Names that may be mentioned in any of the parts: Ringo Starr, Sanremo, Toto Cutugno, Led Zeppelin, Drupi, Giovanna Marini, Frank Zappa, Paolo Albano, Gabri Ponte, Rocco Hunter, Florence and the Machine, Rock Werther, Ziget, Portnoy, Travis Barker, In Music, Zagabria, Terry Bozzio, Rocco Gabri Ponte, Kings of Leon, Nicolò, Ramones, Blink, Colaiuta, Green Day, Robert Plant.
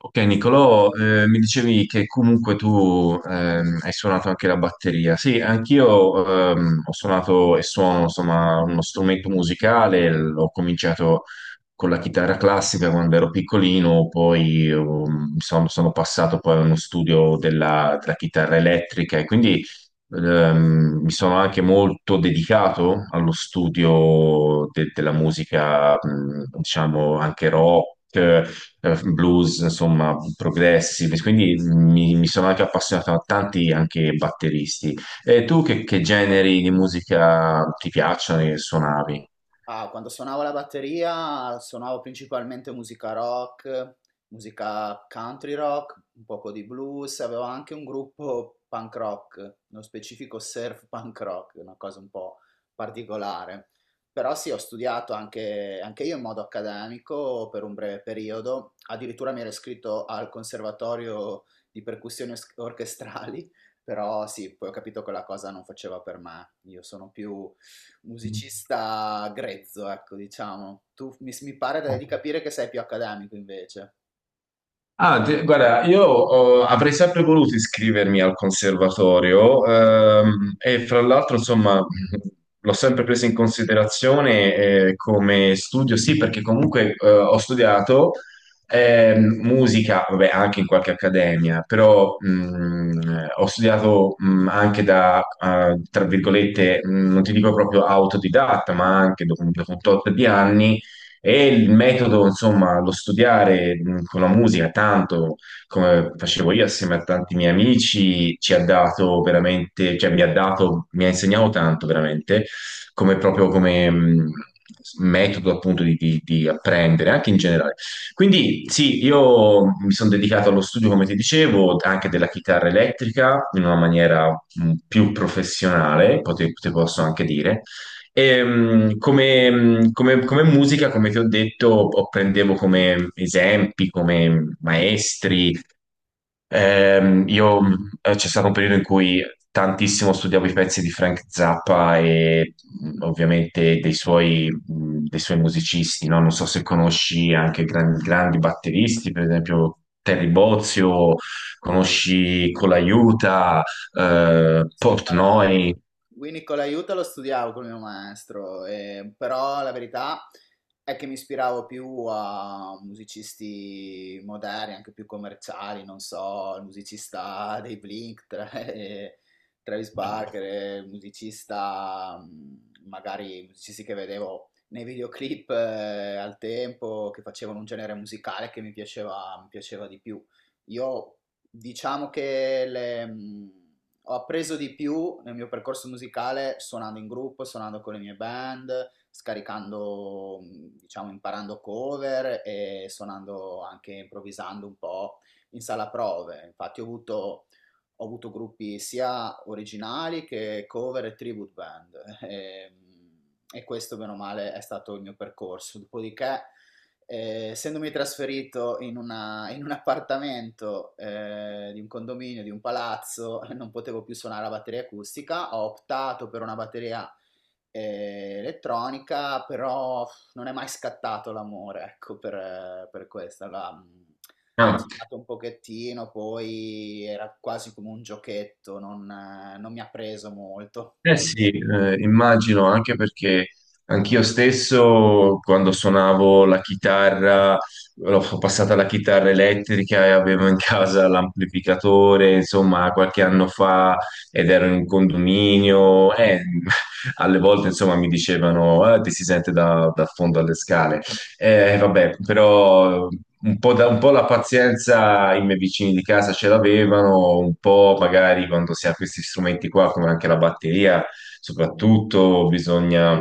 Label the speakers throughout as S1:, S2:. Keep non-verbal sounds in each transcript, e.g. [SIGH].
S1: Ok, Nicolò, mi dicevi che comunque tu hai suonato anche la batteria. Sì, anch'io ho suonato e suono, insomma, uno strumento musicale. Ho cominciato con la chitarra classica quando ero piccolino, poi sono passato poi a uno studio della chitarra elettrica e quindi mi sono anche molto dedicato allo studio della musica, diciamo, anche rock, blues, insomma, progressi, quindi mi sono anche appassionato a tanti anche batteristi. E tu che generi di musica ti piacciono e suonavi?
S2: Ah, quando suonavo la batteria suonavo principalmente musica rock, musica country rock, un poco di blues, avevo anche un gruppo punk rock, nello specifico surf punk rock, una cosa un po' particolare. Però sì, ho studiato anche io in modo accademico per un breve periodo, addirittura mi ero iscritto al conservatorio di percussioni orchestrali, però sì, poi ho capito che la cosa non faceva per me, io sono più musicista grezzo, ecco, diciamo. Tu mi pare di capire che sei più accademico invece.
S1: Ah, guarda, io oh, avrei sempre voluto iscrivermi al conservatorio e fra l'altro, insomma, [LAUGHS] l'ho sempre preso in considerazione come studio, sì, perché comunque ho studiato musica, vabbè, anche in qualche accademia, però ho studiato anche da, tra virgolette, non ti dico proprio autodidatta, ma anche dopo un tot di anni e il metodo, insomma, lo studiare con la musica, tanto come facevo io assieme a tanti miei amici, ci ha dato veramente, cioè mi ha dato, mi ha insegnato tanto veramente, come proprio come metodo appunto di apprendere, anche in generale. Quindi sì, io mi sono dedicato allo studio, come ti dicevo, anche della chitarra elettrica in una maniera più professionale, te posso anche dire e, come, come musica, come ti ho detto, prendevo come esempi, come maestri. Io, c'è stato un periodo in cui tantissimo studiavo i pezzi di Frank Zappa e ovviamente dei suoi musicisti, no? Non so se conosci anche grandi batteristi, per esempio Terry Bozzio, conosci Colaiuta,
S2: Sì,
S1: Portnoy.
S2: quindi con l'aiuto lo studiavo col mio maestro, però la verità è che mi ispiravo più a musicisti moderni, anche più commerciali, non so, il musicista [LAUGHS] dei Blink, Travis Barker, il musicista, magari i musicisti che vedevo nei videoclip al tempo, che facevano un genere musicale che mi piaceva di più. Io diciamo che ho appreso di più nel mio percorso musicale suonando in gruppo, suonando con le mie band, scaricando, diciamo, imparando cover e suonando anche improvvisando un po' in sala prove. Ho avuto gruppi sia originali che cover e tribute band. E questo, bene o male, è stato il mio percorso. Dopodiché essendomi trasferito in un appartamento di un condominio, di un palazzo, [LAUGHS] non potevo più suonare la batteria acustica, ho optato per una batteria elettronica, però pff, non è mai scattato l'amore, ecco, per questa. Ho suonato un pochettino, poi era quasi come un giochetto, non mi ha preso molto.
S1: Eh sì, immagino anche perché anch'io stesso quando suonavo la chitarra, ho passata alla chitarra elettrica e avevo in casa l'amplificatore, insomma, qualche anno fa ed ero in un condominio e [LAUGHS] alle volte, insomma, mi dicevano, "Ah, ti si sente da fondo alle scale. Vabbè, però un po', un po' la pazienza i miei vicini di casa ce l'avevano, un po' magari quando si ha questi strumenti qua, come anche la batteria, soprattutto bisogna,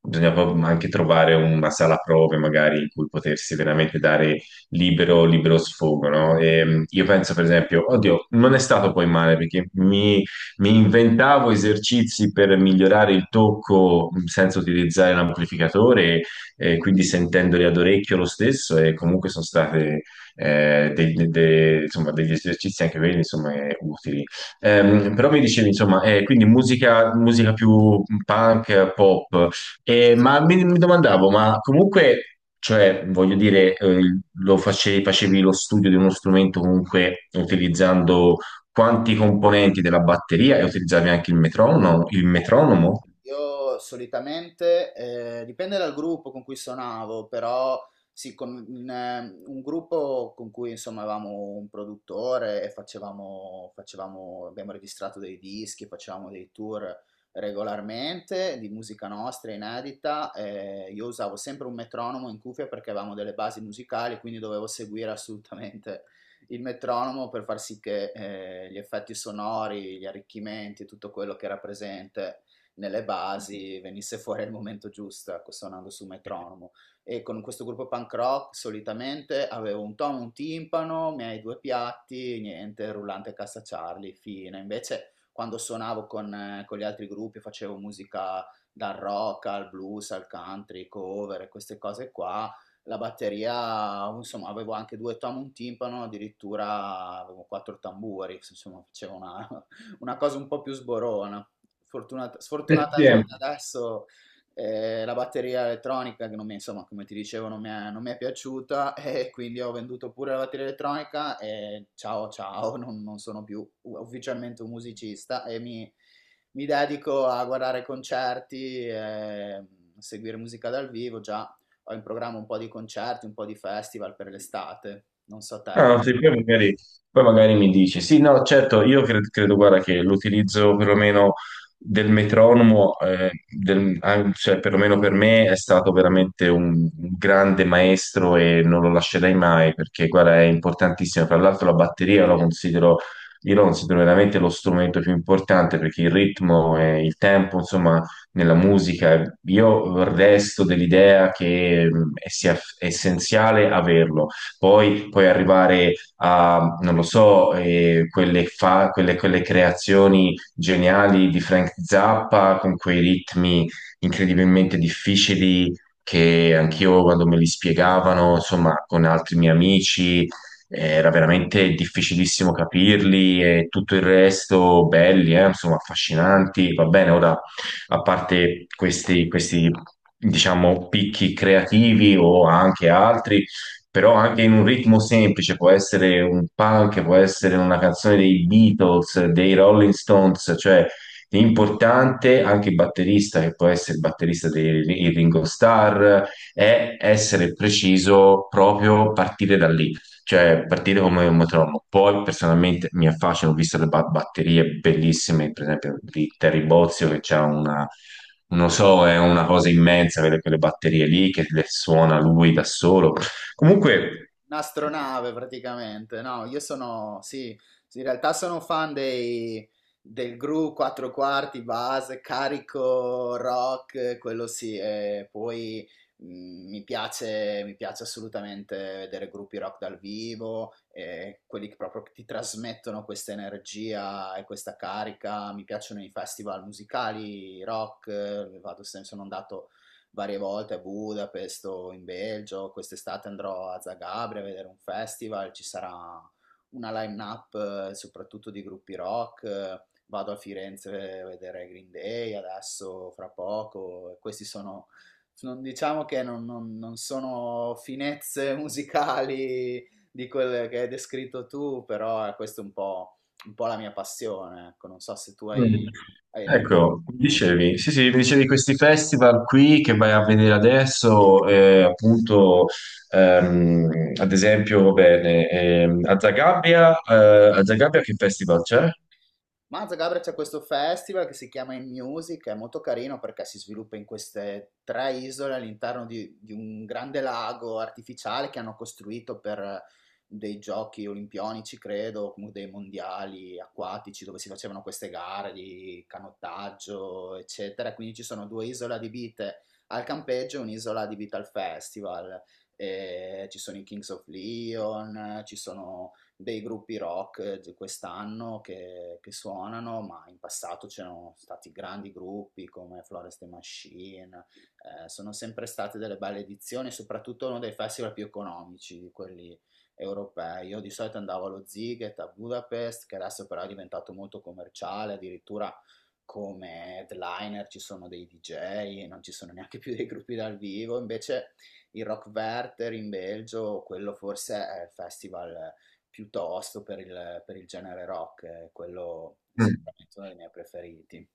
S1: bisogna proprio anche trovare una sala prove magari in cui potersi veramente dare libero, libero sfogo, no? E, io penso per esempio, oddio, non è stato poi male perché mi inventavo esercizi per migliorare il tocco senza utilizzare l'amplificatore quindi sentendoli ad orecchio lo stesso e comunque sono state insomma, degli esercizi anche quelli insomma, utili. Però mi dicevi, insomma, quindi musica più punk, pop. Ma mi domandavo, ma comunque, cioè, voglio dire, lo facevi lo studio di uno strumento comunque utilizzando quanti componenti della batteria e utilizzavi anche il metronomo? Il metronomo?
S2: Io solitamente, dipende dal gruppo con cui suonavo, però sì, con un gruppo con cui insomma avevamo un produttore e facevamo, abbiamo registrato dei dischi, facevamo dei tour regolarmente di musica nostra inedita. Io usavo sempre un metronomo in cuffia perché avevamo delle basi musicali, quindi dovevo seguire assolutamente il metronomo per far sì che gli effetti sonori, gli arricchimenti, tutto quello che era presente nelle basi venisse fuori al momento giusto, ecco, suonando su metronomo. E con questo gruppo punk rock solitamente avevo un tono, un timpano, i miei due piatti, niente, rullante e cassa Charlie, fine. Invece quando suonavo con gli altri gruppi facevo musica dal rock al blues, al country, cover e queste cose qua. La batteria, insomma, avevo anche due tom, un timpano, addirittura avevo quattro tamburi, insomma, una cosa un po' più sborona. Sfortunatamente adesso la batteria elettronica, che non mi, insomma, come ti dicevo, non mi è piaciuta [LAUGHS] e quindi ho venduto pure la batteria elettronica e ciao ciao, non sono più ufficialmente un musicista e mi dedico a guardare concerti, e seguire musica dal vivo, già ho in programma un po' di concerti, un po' di festival per l'estate, non so te.
S1: Ah, sì, poi magari mi dici, sì, no, certo, io credo, guarda, che l'utilizzo perlomeno del metronomo, cioè perlomeno per me è stato veramente un grande maestro e non lo lascerei mai perché, guarda, è importantissimo. Tra l'altro la batteria lo considero, io lo considero veramente lo strumento più importante perché il ritmo e il tempo, insomma, nella musica, io resto dell'idea che sia essenziale averlo. Poi puoi arrivare a, non lo so, quelle creazioni geniali di Frank Zappa con quei ritmi incredibilmente difficili che anch'io quando me li spiegavano, insomma, con altri miei amici, era veramente difficilissimo capirli e tutto il resto belli, insomma, affascinanti. Va bene, ora, a parte questi, diciamo, picchi creativi o anche altri, però anche in un ritmo semplice, può essere un punk, può essere una canzone dei Beatles, dei Rolling Stones, cioè l'importante, anche il batterista, che può essere il batterista dei il Ringo Starr, è essere preciso proprio partire da lì. Cioè, partire come un metronomo. Poi, personalmente, mi affascina, ho visto le batterie bellissime, per esempio, di Terry Bozzio, che c'ha una, non so, è una cosa immensa, quelle batterie lì, che le suona lui da solo. Comunque,
S2: Un'astronave praticamente, no, io sono, sì, sì, in realtà sono fan del Gru 4 quarti, base, carico, rock, quello sì, e poi mh, mi piace assolutamente vedere gruppi rock dal vivo, e quelli che proprio ti trasmettono questa energia e questa carica, mi piacciono i festival musicali, rock, vado, sono andato varie volte a Budapest o in Belgio. Quest'estate andrò a Zagabria a vedere un festival, ci sarà una line-up soprattutto di gruppi rock. Vado a Firenze a vedere Green Day adesso, fra poco. Questi sono, diciamo che non sono finezze [LAUGHS] musicali di quelle che hai descritto tu, però questa è un po' la mia passione. Ecco, non so se tu hai,
S1: mm,
S2: Mm. Hai
S1: ecco, mi dicevi, sì, sì, mi dicevi di questi festival qui che vai a vedere adesso, appunto, ehm, ad esempio, va bene, a Zagabria che festival c'è?
S2: Mazza Gabra c'è questo festival che si chiama In Music, è molto carino perché si sviluppa in queste tre isole all'interno di un grande lago artificiale che hanno costruito per dei giochi olimpionici, credo, comunque dei mondiali acquatici dove si facevano queste gare di canottaggio, eccetera. Quindi ci sono due isole adibite al campeggio e un'isola adibita al festival. E ci sono i Kings of Leon, ci sono dei gruppi rock di quest'anno che suonano, ma in passato c'erano stati grandi gruppi come Florence and the Machine, sono sempre state delle belle edizioni, soprattutto uno dei festival più economici di quelli europei. Io di solito andavo allo Ziget a Budapest, che adesso però è diventato molto commerciale, addirittura come headliner ci sono dei DJ, non ci sono neanche più dei gruppi dal vivo, invece il Rock Werther in Belgio, quello forse è il festival piuttosto per il genere rock, quello è
S1: Mm.
S2: sicuramente uno dei miei preferiti.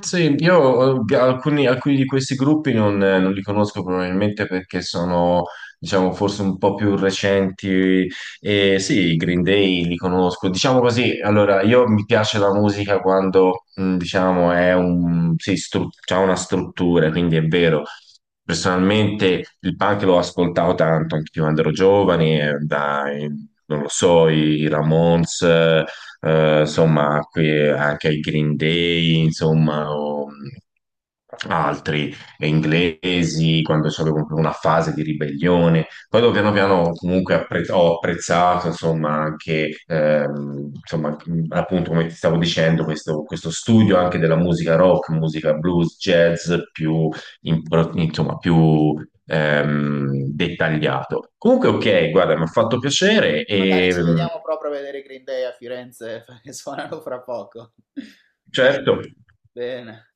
S1: Sì, io alcuni di questi gruppi non li conosco probabilmente perché sono, diciamo, forse un po' più recenti. E sì, i Green Day li conosco. Diciamo così, allora, io mi piace la musica quando, diciamo, è un, sì, c'ha una struttura, quindi è vero. Personalmente il punk l'ho ascoltato tanto anche quando ero giovane, dai, non lo so, i Ramones, insomma, anche ai Green Day, insomma, o altri inglesi, quando c'è comunque una fase di ribellione. Poi dopo piano piano comunque ho apprezzato, insomma, anche, insomma, appunto come ti stavo dicendo, questo studio anche della musica rock, musica blues, jazz, più, insomma, più dettagliato. Comunque, ok, guarda, mi ha fatto piacere
S2: Magari
S1: e
S2: ci vediamo proprio a vedere i Green Day a Firenze, [LAUGHS] perché suonano fra poco. [LAUGHS]
S1: certo.
S2: Bene.